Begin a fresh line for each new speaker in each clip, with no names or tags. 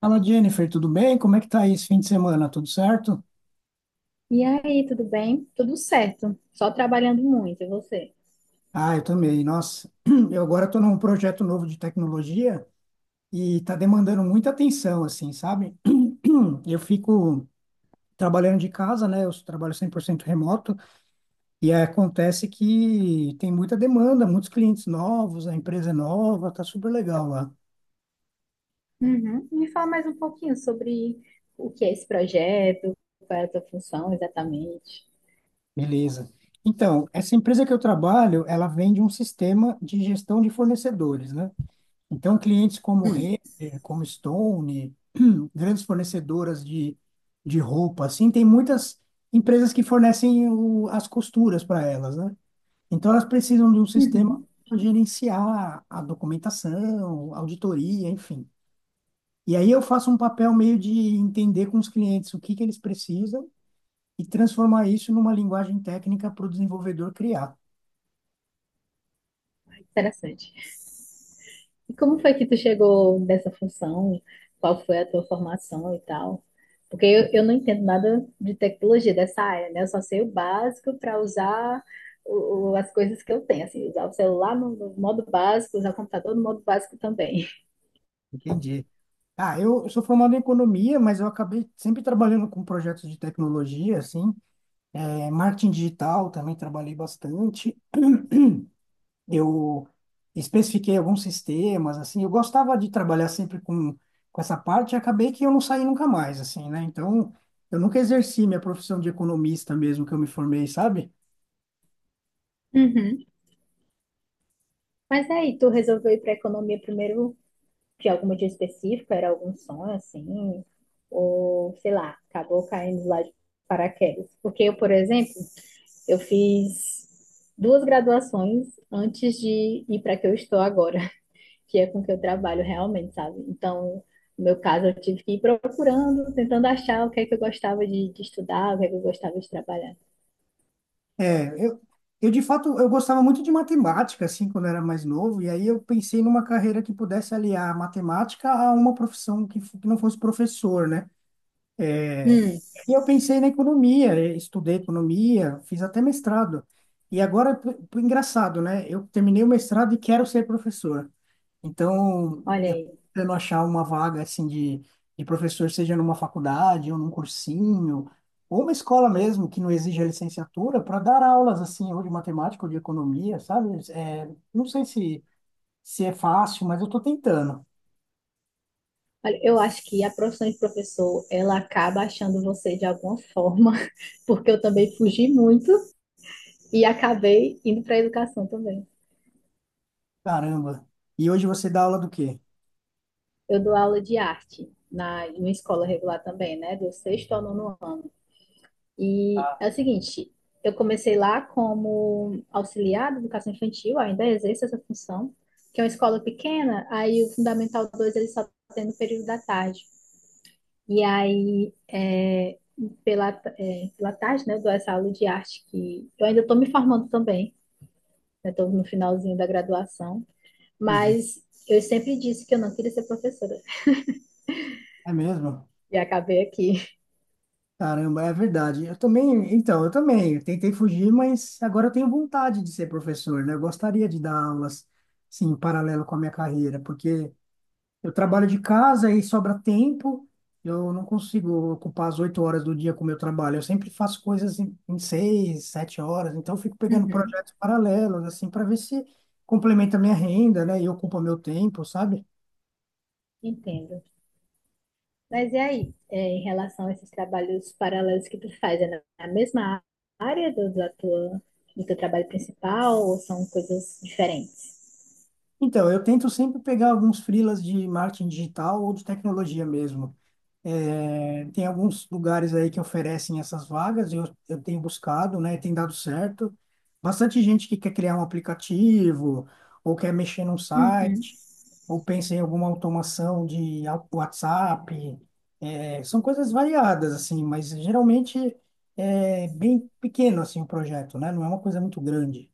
Fala, Jennifer, tudo bem? Como é que tá aí esse fim de semana? Tudo certo?
E aí, tudo bem? Tudo certo. Só trabalhando muito, e você?
Ah, eu também. Nossa, eu agora estou num projeto novo de tecnologia e está demandando muita atenção, assim, sabe? Eu fico trabalhando de casa, né? Eu trabalho 100% remoto e aí acontece que tem muita demanda, muitos clientes novos, a empresa é nova, tá super legal lá.
Uhum. Me fala mais um pouquinho sobre o que é esse projeto, qual é a tua função exatamente.
Beleza. Então, essa empresa que eu trabalho, ela vende um sistema de gestão de fornecedores, né? Então, clientes como
Hum.
Renner, como Stone, grandes fornecedoras de roupa, assim, tem muitas empresas que fornecem as costuras para elas, né? Então, elas precisam de um sistema
Uhum.
para gerenciar a documentação, auditoria, enfim. E aí eu faço um papel meio de entender com os clientes o que que eles precisam e transformar isso numa linguagem técnica para o desenvolvedor criar.
Interessante. E como foi que tu chegou nessa função? Qual foi a tua formação e tal? Porque eu não entendo nada de tecnologia dessa área, né? Eu só sei o básico para usar as coisas que eu tenho, assim, usar o celular no modo básico, usar o computador no modo básico também.
Entendi. Ah, eu sou formado em economia, mas eu acabei sempre trabalhando com projetos de tecnologia, assim, é, marketing digital também trabalhei bastante. Eu especifiquei alguns sistemas, assim, eu gostava de trabalhar sempre com essa parte e acabei que eu não saí nunca mais, assim, né? Então, eu nunca exerci minha profissão de economista mesmo que eu me formei, sabe?
Uhum. Mas aí, tu resolveu ir para economia primeiro de alguma dia específica? Era algum sonho assim? Ou sei lá, acabou caindo lá de paraquedas? Porque eu, por exemplo, eu fiz duas graduações antes de ir para que eu estou agora, que é com que eu trabalho realmente, sabe? Então, no meu caso, eu tive que ir procurando, tentando achar o que é que eu gostava de estudar, o que é que eu gostava de trabalhar.
É, eu de fato eu gostava muito de matemática assim quando eu era mais novo e aí eu pensei numa carreira que pudesse aliar a matemática a uma profissão que não fosse professor, né?
Hum,
E eu pensei na economia, e estudei economia, fiz até mestrado. E agora, engraçado, né? Eu terminei o mestrado e quero ser professor. Então,
olha
eu
aí.
tendo achar uma vaga assim de professor, seja numa faculdade ou num cursinho, ou uma escola mesmo que não exija licenciatura, para dar aulas assim, ou de matemática ou de economia, sabe? É, não sei se é fácil, mas eu estou tentando.
Olha, eu acho que a profissão de professor, ela acaba achando você de alguma forma, porque eu também fugi muito e acabei indo para a educação também.
Caramba. E hoje você dá aula do quê?
Eu dou aula de arte numa escola regular também, né? Do sexto ao nono ano. E
Ah.
é o seguinte, eu comecei lá como auxiliar de educação infantil, ainda exerço essa função, que é uma escola pequena, aí o Fundamental 2 ele só tem no período da tarde. E aí, pela, pela tarde, né, eu dou essa aula de arte que eu ainda estou me formando também, né, estou no finalzinho da graduação,
Uhum.
mas eu sempre disse que eu não queria ser professora
É mesmo?
e acabei aqui.
Caramba, é verdade. Eu também, então, eu também, eu tentei fugir, mas agora eu tenho vontade de ser professor, né? Eu gostaria de dar aulas, sim, em paralelo com a minha carreira, porque eu trabalho de casa e sobra tempo. Eu não consigo ocupar as 8 horas do dia com o meu trabalho. Eu sempre faço coisas em 6, 7 horas. Então, eu fico pegando
Uhum.
projetos paralelos, assim, para ver se complementa a minha renda, né? E ocupa meu tempo, sabe?
Entendo. Mas e aí, é, em relação a esses trabalhos paralelos que tu faz, é na mesma área do teu trabalho principal ou são coisas diferentes?
Então, eu tento sempre pegar alguns freelas de marketing digital ou de tecnologia mesmo. É, tem alguns lugares aí que oferecem essas vagas, e eu tenho buscado, né? Tem dado certo. Bastante gente que quer criar um aplicativo, ou quer mexer num
Uhum.
site, ou pensa em alguma automação de WhatsApp. É, são coisas variadas, assim, mas geralmente é bem pequeno, assim, o projeto, né? Não é uma coisa muito grande.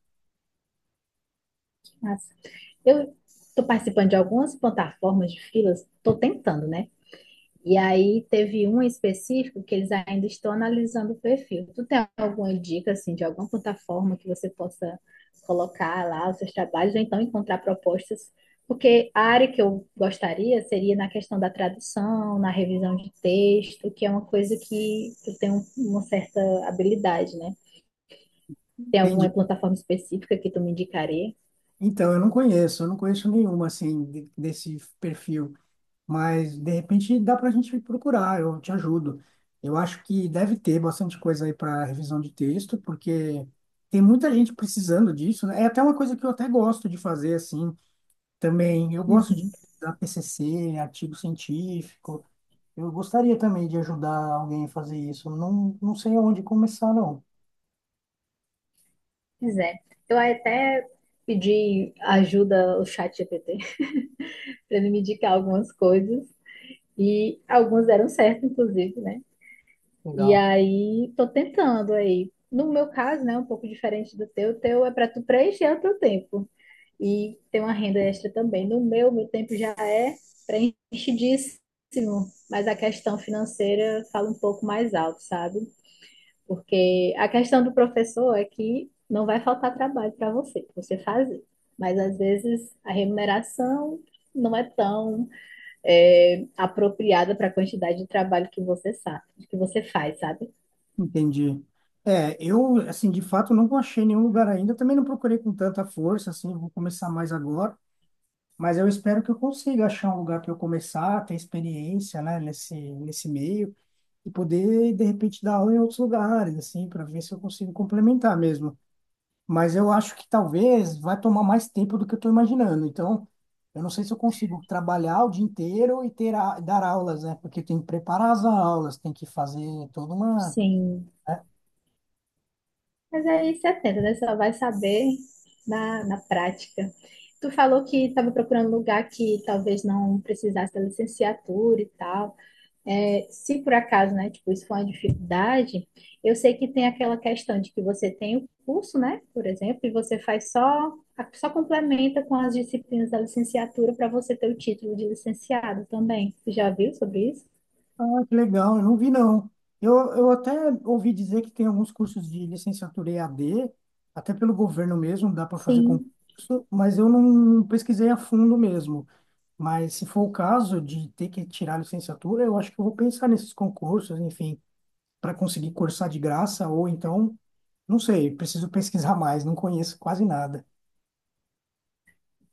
Massa. Eu estou participando de algumas plataformas de filas, estou tentando, né? E aí teve um específico que eles ainda estão analisando o perfil. Tu tem alguma dica, assim, de alguma plataforma que você possa colocar lá os seus trabalhos, ou então encontrar propostas? Porque a área que eu gostaria seria na questão da tradução, na revisão de texto, que é uma coisa que eu tenho uma certa habilidade, né? Tem alguma
Entendi.
plataforma específica que tu me indicaria?
Então, eu não conheço nenhuma, assim, desse perfil. Mas, de repente, dá para a gente procurar, eu te ajudo. Eu acho que deve ter bastante coisa aí para revisão de texto, porque tem muita gente precisando disso, né? É até uma coisa que eu até gosto de fazer, assim, também. Eu gosto de
Uhum.
dar TCC, artigo científico. Eu gostaria também de ajudar alguém a fazer isso. Não, não sei aonde começar, não.
Pois é. Eu até pedi ajuda ao chat GPT para ele me indicar algumas coisas e algumas deram certo, inclusive, né? E
Legal.
aí tô tentando aí. No meu caso, né, um pouco diferente do teu, o teu é para tu preencher o teu tempo e ter uma renda extra também. No meu, meu tempo já é preenchidíssimo, mas a questão financeira fala um pouco mais alto, sabe? Porque a questão do professor é que não vai faltar trabalho pra você fazer. Mas às vezes a remuneração não é tão apropriada para a quantidade de trabalho que você faz, sabe?
Entendi. É, eu, assim, de fato, não achei nenhum lugar ainda. Também não procurei com tanta força, assim, vou começar mais agora. Mas eu espero que eu consiga achar um lugar para eu começar, ter experiência, né, nesse meio e poder, de repente, dar aula em outros lugares, assim, para ver se eu consigo complementar mesmo. Mas eu acho que talvez vai tomar mais tempo do que eu estou imaginando. Então, eu não sei se eu consigo trabalhar o dia inteiro e ter dar aulas, né? Porque tem que preparar as aulas, tem que fazer toda uma.
Sim. Mas aí você atenta, né? Você só vai saber na prática. Tu falou que estava procurando um lugar que talvez não precisasse da licenciatura e tal. É, se por acaso, né, tipo, isso for uma dificuldade, eu sei que tem aquela questão de que você tem o curso, né, por exemplo, e você faz só complementa com as disciplinas da licenciatura para você ter o título de licenciado também. Você já viu sobre isso?
Ah, que legal, eu não vi não. Eu até ouvi dizer que tem alguns cursos de licenciatura EAD, até pelo governo mesmo, dá para fazer
Sim,
concurso, mas eu não pesquisei a fundo mesmo. Mas se for o caso de ter que tirar a licenciatura, eu acho que eu vou pensar nesses concursos, enfim, para conseguir cursar de graça, ou então, não sei, preciso pesquisar mais, não conheço quase nada.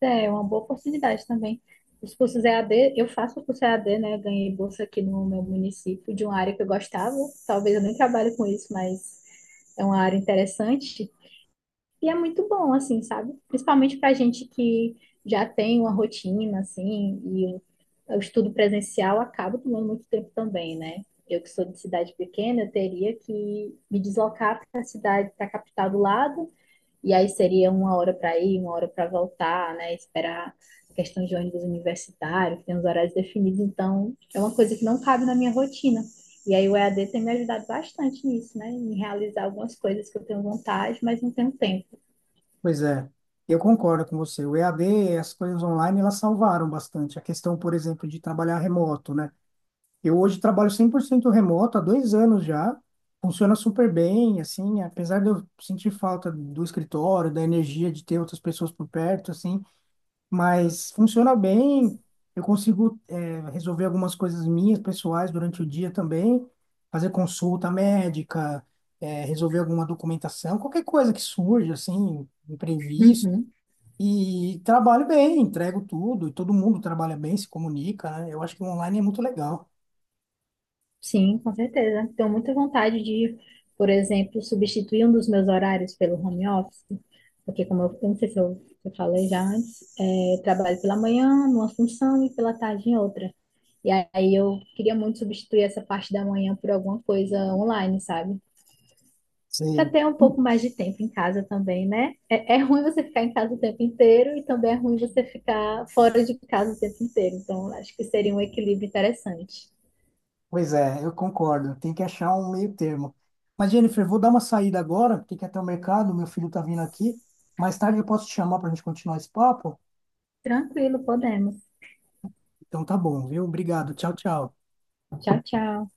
é uma boa oportunidade também. Os cursos EAD, eu faço o curso EAD, né, ganhei bolsa aqui no meu município de uma área que eu gostava, talvez eu nem trabalhe com isso, mas é uma área interessante. E é muito bom, assim, sabe? Principalmente pra gente que já tem uma rotina, assim, e o estudo presencial acaba tomando muito tempo também, né? Eu que sou de cidade pequena, eu teria que me deslocar para a cidade, para a capital do lado, e aí seria 1 hora para ir, 1 hora para voltar, né? Esperar a questão de ônibus universitário, que tem os horários definidos, então é uma coisa que não cabe na minha rotina. E aí o EAD tem me ajudado bastante nisso, né? Em realizar algumas coisas que eu tenho vontade, mas não tenho tempo.
Pois é, eu concordo com você. O EAD, as coisas online, elas salvaram bastante. A questão, por exemplo, de trabalhar remoto, né? Eu hoje trabalho 100% remoto há 2 anos já. Funciona super bem, assim, apesar de eu sentir falta do escritório, da energia de ter outras pessoas por perto, assim, mas funciona bem. Eu consigo, resolver algumas coisas minhas, pessoais, durante o dia também, fazer consulta médica, resolver alguma documentação, qualquer coisa que surja, assim, imprevisto.
Uhum,
E trabalho bem, entrego tudo, e todo mundo trabalha bem, se comunica, né? Eu acho que o online é muito legal.
sim, com certeza. Tenho muita vontade de, por exemplo, substituir um dos meus horários pelo home office, porque como eu não sei se eu falei já antes, trabalho pela manhã numa função e pela tarde em outra. E aí eu queria muito substituir essa parte da manhã por alguma coisa online, sabe? Para
Sim.
ter um pouco mais de tempo em casa também, né? É ruim você ficar em casa o tempo inteiro e também é ruim você ficar fora de casa o tempo inteiro. Então, acho que seria um equilíbrio interessante.
Pois é, eu concordo. Tem que achar um meio termo. Mas, Jennifer, vou dar uma saída agora, porque quer ter o mercado, meu filho tá vindo aqui. Mais tarde eu posso te chamar para a gente continuar esse papo?
Tranquilo, podemos.
Então tá bom, viu? Obrigado. Tchau, tchau.
Tchau, tchau.